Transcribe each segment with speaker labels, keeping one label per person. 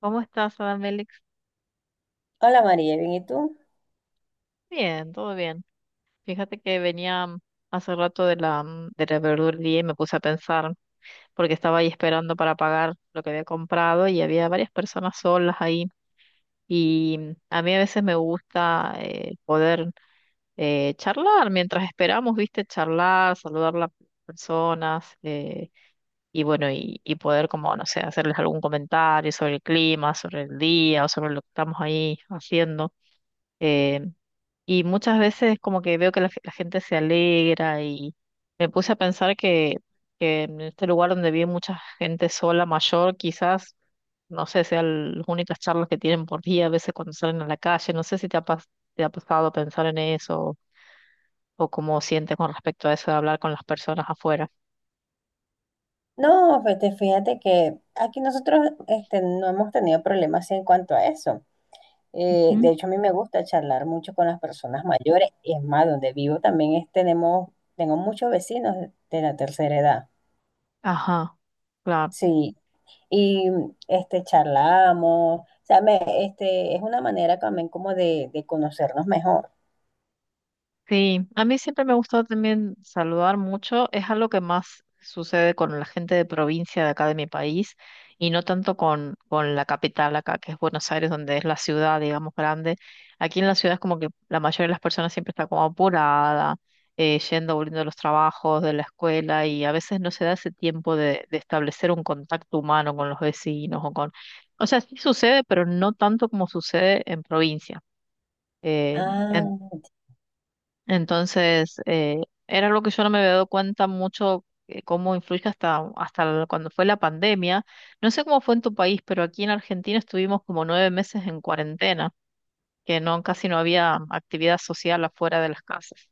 Speaker 1: ¿Cómo estás, Adam Félix?
Speaker 2: Hola María, ¿bien y tú?
Speaker 1: Bien, todo bien. Fíjate que venía hace rato de la verdulería y me puse a pensar, porque estaba ahí esperando para pagar lo que había comprado y había varias personas solas ahí. Y a mí a veces me gusta poder charlar mientras esperamos, ¿viste? Charlar, saludar a las personas, y bueno, y poder como, no sé, hacerles algún comentario sobre el clima, sobre el día o sobre lo que estamos ahí haciendo. Eh, y muchas veces como que veo que la gente se alegra y me puse a pensar que en este lugar donde vive mucha gente sola, mayor, quizás, no sé, sean las únicas charlas que tienen por día, a veces cuando salen a la calle, no sé si te ha pasado pensar en eso o cómo sientes con respecto a eso de hablar con las personas afuera.
Speaker 2: No, este, fíjate que aquí nosotros este, no hemos tenido problemas en cuanto a eso. De
Speaker 1: Ujú.
Speaker 2: hecho, a mí me gusta charlar mucho con las personas mayores. Es más, donde vivo también tenemos, tengo muchos vecinos de la tercera edad.
Speaker 1: Ajá, claro.
Speaker 2: Sí, y este, charlamos. O sea, este, es una manera también como de conocernos mejor.
Speaker 1: Sí, a mí siempre me ha gustado también saludar mucho. Es algo que más sucede con la gente de provincia de acá de mi país y no tanto con la capital acá, que es Buenos Aires, donde es la ciudad, digamos, grande. Aquí en la ciudad es como que la mayoría de las personas siempre está como apurada, yendo, volviendo de los trabajos, de la escuela y a veces no se da ese tiempo de establecer un contacto humano con los vecinos O sea, sí sucede, pero no tanto como sucede en provincia. Eh,
Speaker 2: Ah,
Speaker 1: entonces, era algo que yo no me había dado cuenta mucho cómo influye hasta cuando fue la pandemia. No sé cómo fue en tu país, pero aquí en Argentina estuvimos como 9 meses en cuarentena, que no, casi no había actividad social afuera de las casas.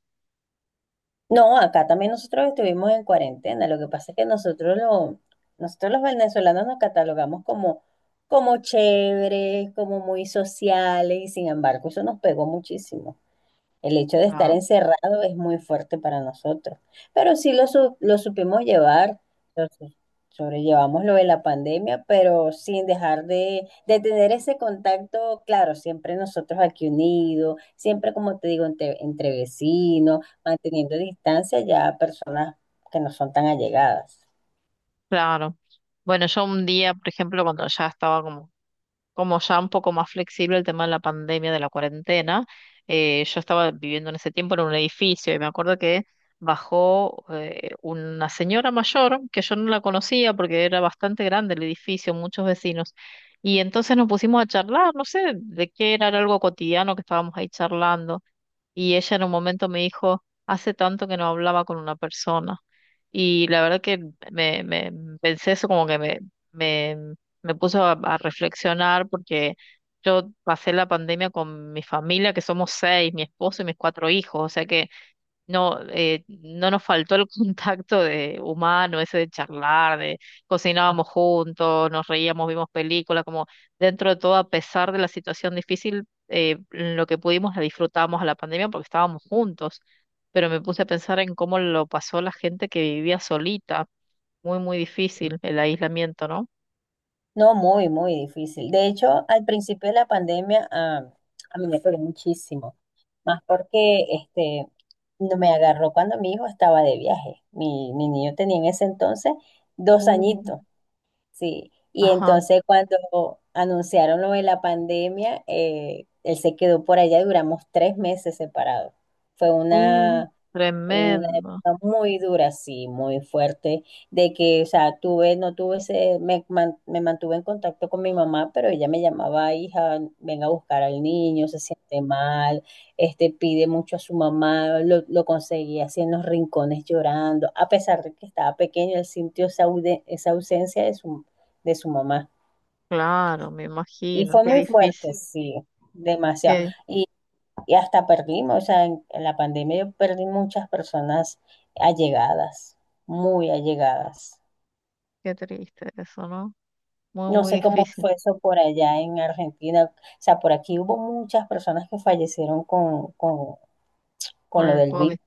Speaker 2: no, acá también nosotros estuvimos en cuarentena. Lo que pasa es que nosotros los venezolanos nos catalogamos como, como chéveres, como muy sociales, y sin embargo, eso nos pegó muchísimo. El hecho de estar
Speaker 1: Claro.
Speaker 2: encerrado es muy fuerte para nosotros, pero lo supimos llevar, lo su- sobrellevamos lo de la pandemia, pero sin dejar de tener ese contacto, claro, siempre nosotros aquí unidos, siempre como te digo, entre, entre vecinos, manteniendo distancia ya a personas que no son tan allegadas.
Speaker 1: Claro. Bueno, yo un día, por ejemplo, cuando ya estaba como ya un poco más flexible el tema de la pandemia, de la cuarentena, yo estaba viviendo en ese tiempo en un edificio y me acuerdo que bajó una señora mayor que yo no la conocía porque era bastante grande el edificio, muchos vecinos. Y entonces nos pusimos a charlar, no sé de qué era, era algo cotidiano que estábamos ahí charlando. Y ella en un momento me dijo, hace tanto que no hablaba con una persona. Y la verdad que pensé eso como que me, me puso a reflexionar porque yo pasé la pandemia con mi familia, que somos seis, mi esposo y mis cuatro hijos. O sea que no, no nos faltó el contacto de humano, ese de charlar, de cocinábamos juntos, nos reíamos, vimos películas, como dentro de todo, a pesar de la situación difícil, lo que pudimos la disfrutamos a la pandemia porque estábamos juntos. Pero me puse a pensar en cómo lo pasó la gente que vivía solita. Muy, muy difícil el aislamiento, ¿no?
Speaker 2: No, muy, muy difícil. De hecho, al principio de la pandemia, ah, a mí me pegó muchísimo, más porque este, no me agarró cuando mi hijo estaba de viaje. Mi niño tenía en ese entonces 2 añitos,
Speaker 1: Mm,
Speaker 2: sí. Y
Speaker 1: ajá.
Speaker 2: entonces cuando anunciaron lo de la pandemia, él se quedó por allá y duramos 3 meses separados. Fue
Speaker 1: Un
Speaker 2: una
Speaker 1: tremendo.
Speaker 2: época muy dura, sí, muy fuerte, de que, o sea, tuve, no tuve ese, me mantuve en contacto con mi mamá, pero ella me llamaba, hija, venga a buscar al niño, se siente mal, este, pide mucho a su mamá, lo conseguía así en los rincones llorando, a pesar de que estaba pequeño, él sintió esa ausencia de su mamá.
Speaker 1: Claro, me
Speaker 2: Y
Speaker 1: imagino.
Speaker 2: fue
Speaker 1: Qué
Speaker 2: muy fuerte,
Speaker 1: difícil.
Speaker 2: sí, demasiado.
Speaker 1: Qué,
Speaker 2: Y hasta perdimos, o sea, en la pandemia yo perdí muchas personas allegadas, muy allegadas.
Speaker 1: qué triste eso, ¿no? Muy,
Speaker 2: No
Speaker 1: muy
Speaker 2: sé cómo
Speaker 1: difícil
Speaker 2: fue eso por allá en Argentina. O sea, por aquí hubo muchas personas que fallecieron
Speaker 1: con
Speaker 2: con lo
Speaker 1: el
Speaker 2: del virus.
Speaker 1: COVID.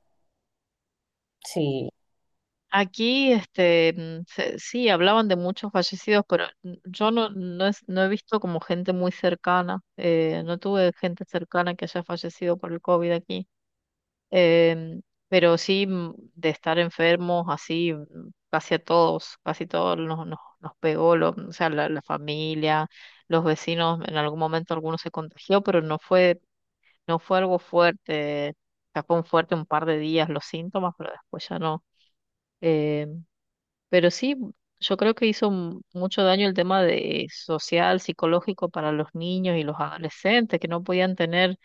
Speaker 2: Sí.
Speaker 1: Aquí, este, sí, hablaban de muchos fallecidos, pero yo no he visto como gente muy cercana. No tuve gente cercana que haya fallecido por el COVID aquí. Em, pero sí, de estar enfermos, así, casi a todos, casi todos nos pegó, o sea, la familia, los vecinos, en algún momento algunos se contagió, pero no fue algo fuerte, o fue un fuerte un par de días los síntomas, pero después ya no. Eh, pero sí, yo creo que hizo mucho daño el tema de social, psicológico para los niños y los adolescentes que no podían tener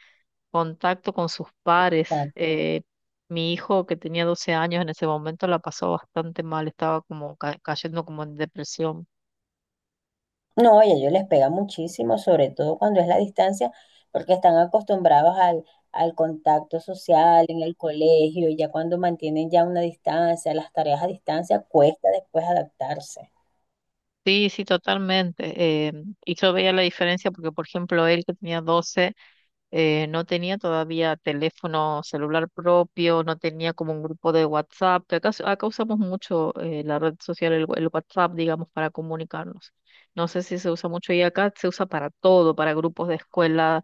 Speaker 1: contacto con sus pares.
Speaker 2: Ah,
Speaker 1: Eh, mi hijo que tenía 12 años en ese momento la pasó bastante mal, estaba como cayendo como en depresión.
Speaker 2: no, oye, ellos les pega muchísimo, sobre todo cuando es la distancia, porque están acostumbrados al, al contacto social en el colegio, y ya cuando mantienen ya una distancia, las tareas a distancia, cuesta después adaptarse.
Speaker 1: Sí, sí, totalmente. Y yo veía la diferencia porque, por ejemplo, él que tenía 12 no tenía todavía teléfono celular propio, no tenía como un grupo de WhatsApp, que acá, acá usamos mucho la red social, el WhatsApp, digamos, para comunicarnos. No sé si se usa mucho y acá se usa para todo, para grupos de escuela,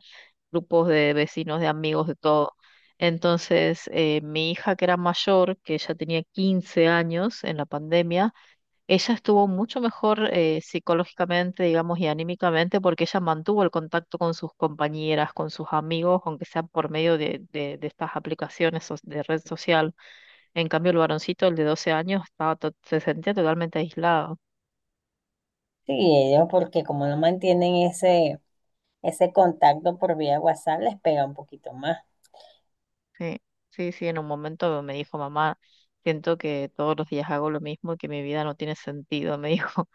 Speaker 1: grupos de vecinos, de amigos, de todo. Entonces, mi hija que era mayor, que ya tenía 15 años en la pandemia, ella estuvo mucho mejor psicológicamente, digamos, y anímicamente porque ella mantuvo el contacto con sus compañeras, con sus amigos, aunque sea por medio de estas aplicaciones de red social. En cambio, el varoncito, el de 12 años, estaba se sentía totalmente aislado.
Speaker 2: Sí, ellos porque como no mantienen ese, ese contacto por vía WhatsApp, les pega un poquito más.
Speaker 1: Sí, sí, sí, en un momento me dijo, mamá, siento que todos los días hago lo mismo y que mi vida no tiene sentido, me dijo.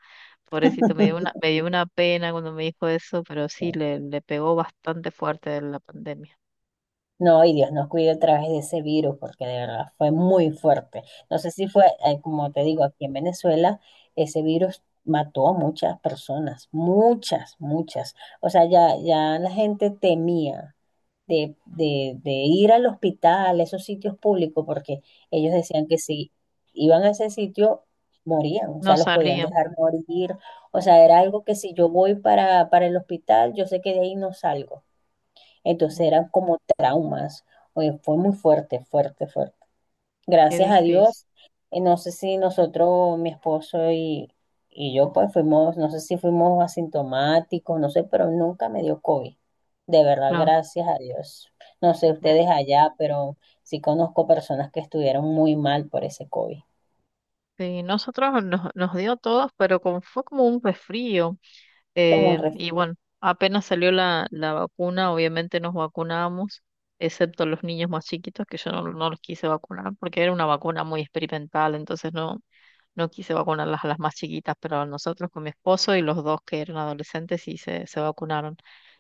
Speaker 1: Pobrecito, me dio una pena cuando me dijo eso, pero sí, le pegó bastante fuerte la pandemia.
Speaker 2: No, y Dios nos cuide otra vez de ese virus, porque de verdad fue muy fuerte. No sé si fue, como te digo, aquí en Venezuela, ese virus mató a muchas personas, muchas, muchas. O sea, ya, ya la gente temía de ir al hospital, a esos sitios públicos, porque ellos decían que si iban a ese sitio, morían, o
Speaker 1: No
Speaker 2: sea, los podían
Speaker 1: salía.
Speaker 2: dejar morir, o sea, era algo que si yo voy para el hospital, yo sé que de ahí no salgo. Entonces
Speaker 1: Mm.
Speaker 2: eran como traumas, oye, fue muy fuerte, fuerte, fuerte,
Speaker 1: Qué
Speaker 2: gracias a
Speaker 1: difícil,
Speaker 2: Dios. No sé si nosotros, mi esposo y yo, pues fuimos, no sé si fuimos asintomáticos, no sé, pero nunca me dio COVID. De verdad,
Speaker 1: claro.
Speaker 2: gracias a Dios. No sé ustedes
Speaker 1: Me-
Speaker 2: allá, pero sí conozco personas que estuvieron muy mal por ese COVID.
Speaker 1: Sí, nosotros nos dio a todos, pero como fue como un resfrío,
Speaker 2: Como un ref-
Speaker 1: y bueno, apenas salió la vacuna, obviamente nos vacunamos, excepto los niños más chiquitos, que yo no los quise vacunar porque era una vacuna muy experimental, entonces No quise vacunarlas a las más chiquitas, pero nosotros con mi esposo y los dos que eran adolescentes sí se vacunaron.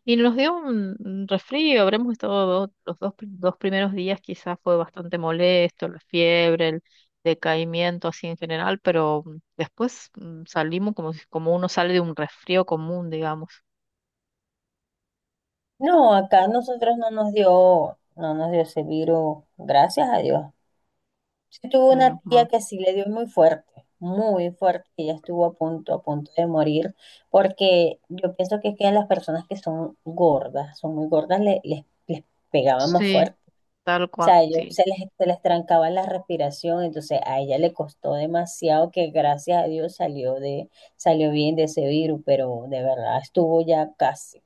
Speaker 1: Y nos dio un resfrío, habremos estado dos primeros días quizás fue bastante molesto, la fiebre, el decaimiento así en general, pero después salimos como, como uno sale de un resfrío común, digamos,
Speaker 2: No, acá nosotros no nos dio, no nos dio ese virus, gracias a Dios. Yo tuve
Speaker 1: menos
Speaker 2: una tía
Speaker 1: mal.
Speaker 2: que sí le dio muy fuerte, y ella estuvo a punto de morir, porque yo pienso que es que a las personas que son gordas, son muy gordas, les pegaba más
Speaker 1: Sí,
Speaker 2: fuerte.
Speaker 1: tal
Speaker 2: O sea,
Speaker 1: cual,
Speaker 2: a ellos
Speaker 1: sí.
Speaker 2: se les trancaba la respiración, entonces a ella le costó demasiado que gracias a Dios salió de, salió bien de ese virus, pero de verdad estuvo ya casi.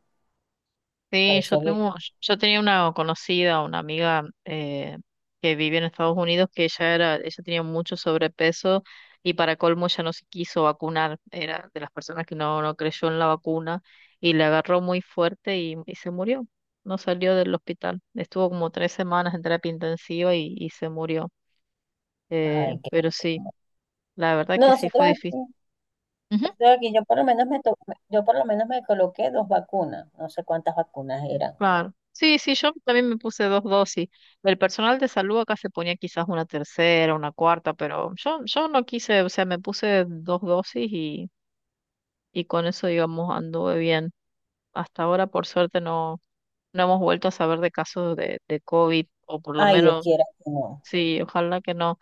Speaker 2: Por
Speaker 1: Sí, yo
Speaker 2: eso, que-
Speaker 1: tengo, yo tenía una conocida, una amiga que vivía en Estados Unidos, que ella era, ella tenía mucho sobrepeso y para colmo ella no se quiso vacunar, era de las personas que no creyó en la vacuna y le agarró muy fuerte y se murió, no salió del hospital, estuvo como 3 semanas en terapia intensiva y se murió,
Speaker 2: ay, que...
Speaker 1: pero sí, la verdad
Speaker 2: No,
Speaker 1: que sí fue
Speaker 2: nosotros...
Speaker 1: difícil.
Speaker 2: O sea, que yo por lo menos yo por lo menos me coloqué dos vacunas, no sé cuántas vacunas eran.
Speaker 1: Claro. Sí, sí, yo también me puse dos dosis. El personal de salud acá se ponía quizás una tercera, una cuarta, pero yo no quise, o sea, me puse dos dosis y con eso, digamos, anduve bien. Hasta ahora, por suerte, no hemos vuelto a saber de casos de COVID, o por lo
Speaker 2: Ay, Dios
Speaker 1: menos,
Speaker 2: quiera que no.
Speaker 1: sí, ojalá que no.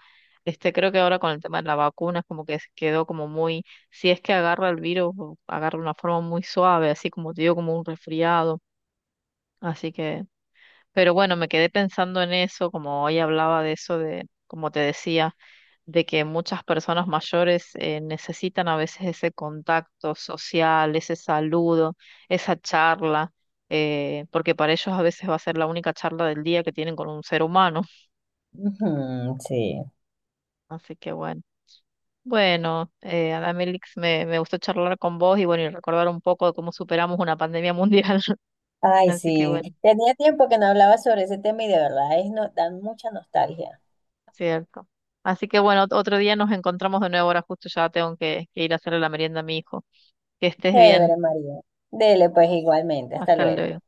Speaker 1: Este, creo que ahora con el tema de la vacuna es como que se quedó como muy, si es que agarra el virus, o agarra de una forma muy suave, así como te digo, como un resfriado. Así que pero bueno, me quedé pensando en eso, como hoy hablaba de eso, de, como te decía, de que muchas personas mayores necesitan a veces ese contacto social, ese saludo, esa charla, porque para ellos a veces va a ser la única charla del día que tienen con un ser humano.
Speaker 2: Ujú, sí.
Speaker 1: Así que bueno. Bueno, Adamelix, me gustó charlar con vos y bueno, y recordar un poco de cómo superamos una pandemia mundial.
Speaker 2: Ay,
Speaker 1: Así que
Speaker 2: sí.
Speaker 1: bueno.
Speaker 2: Tenía tiempo que no hablaba sobre ese tema y de verdad es no, dan mucha nostalgia.
Speaker 1: Cierto. Así que bueno, otro día nos encontramos de nuevo. Ahora justo ya tengo que ir a hacerle la merienda a mi hijo. Que estés bien.
Speaker 2: Chévere, María. Dele, pues igualmente. Hasta
Speaker 1: Hasta
Speaker 2: luego.
Speaker 1: luego.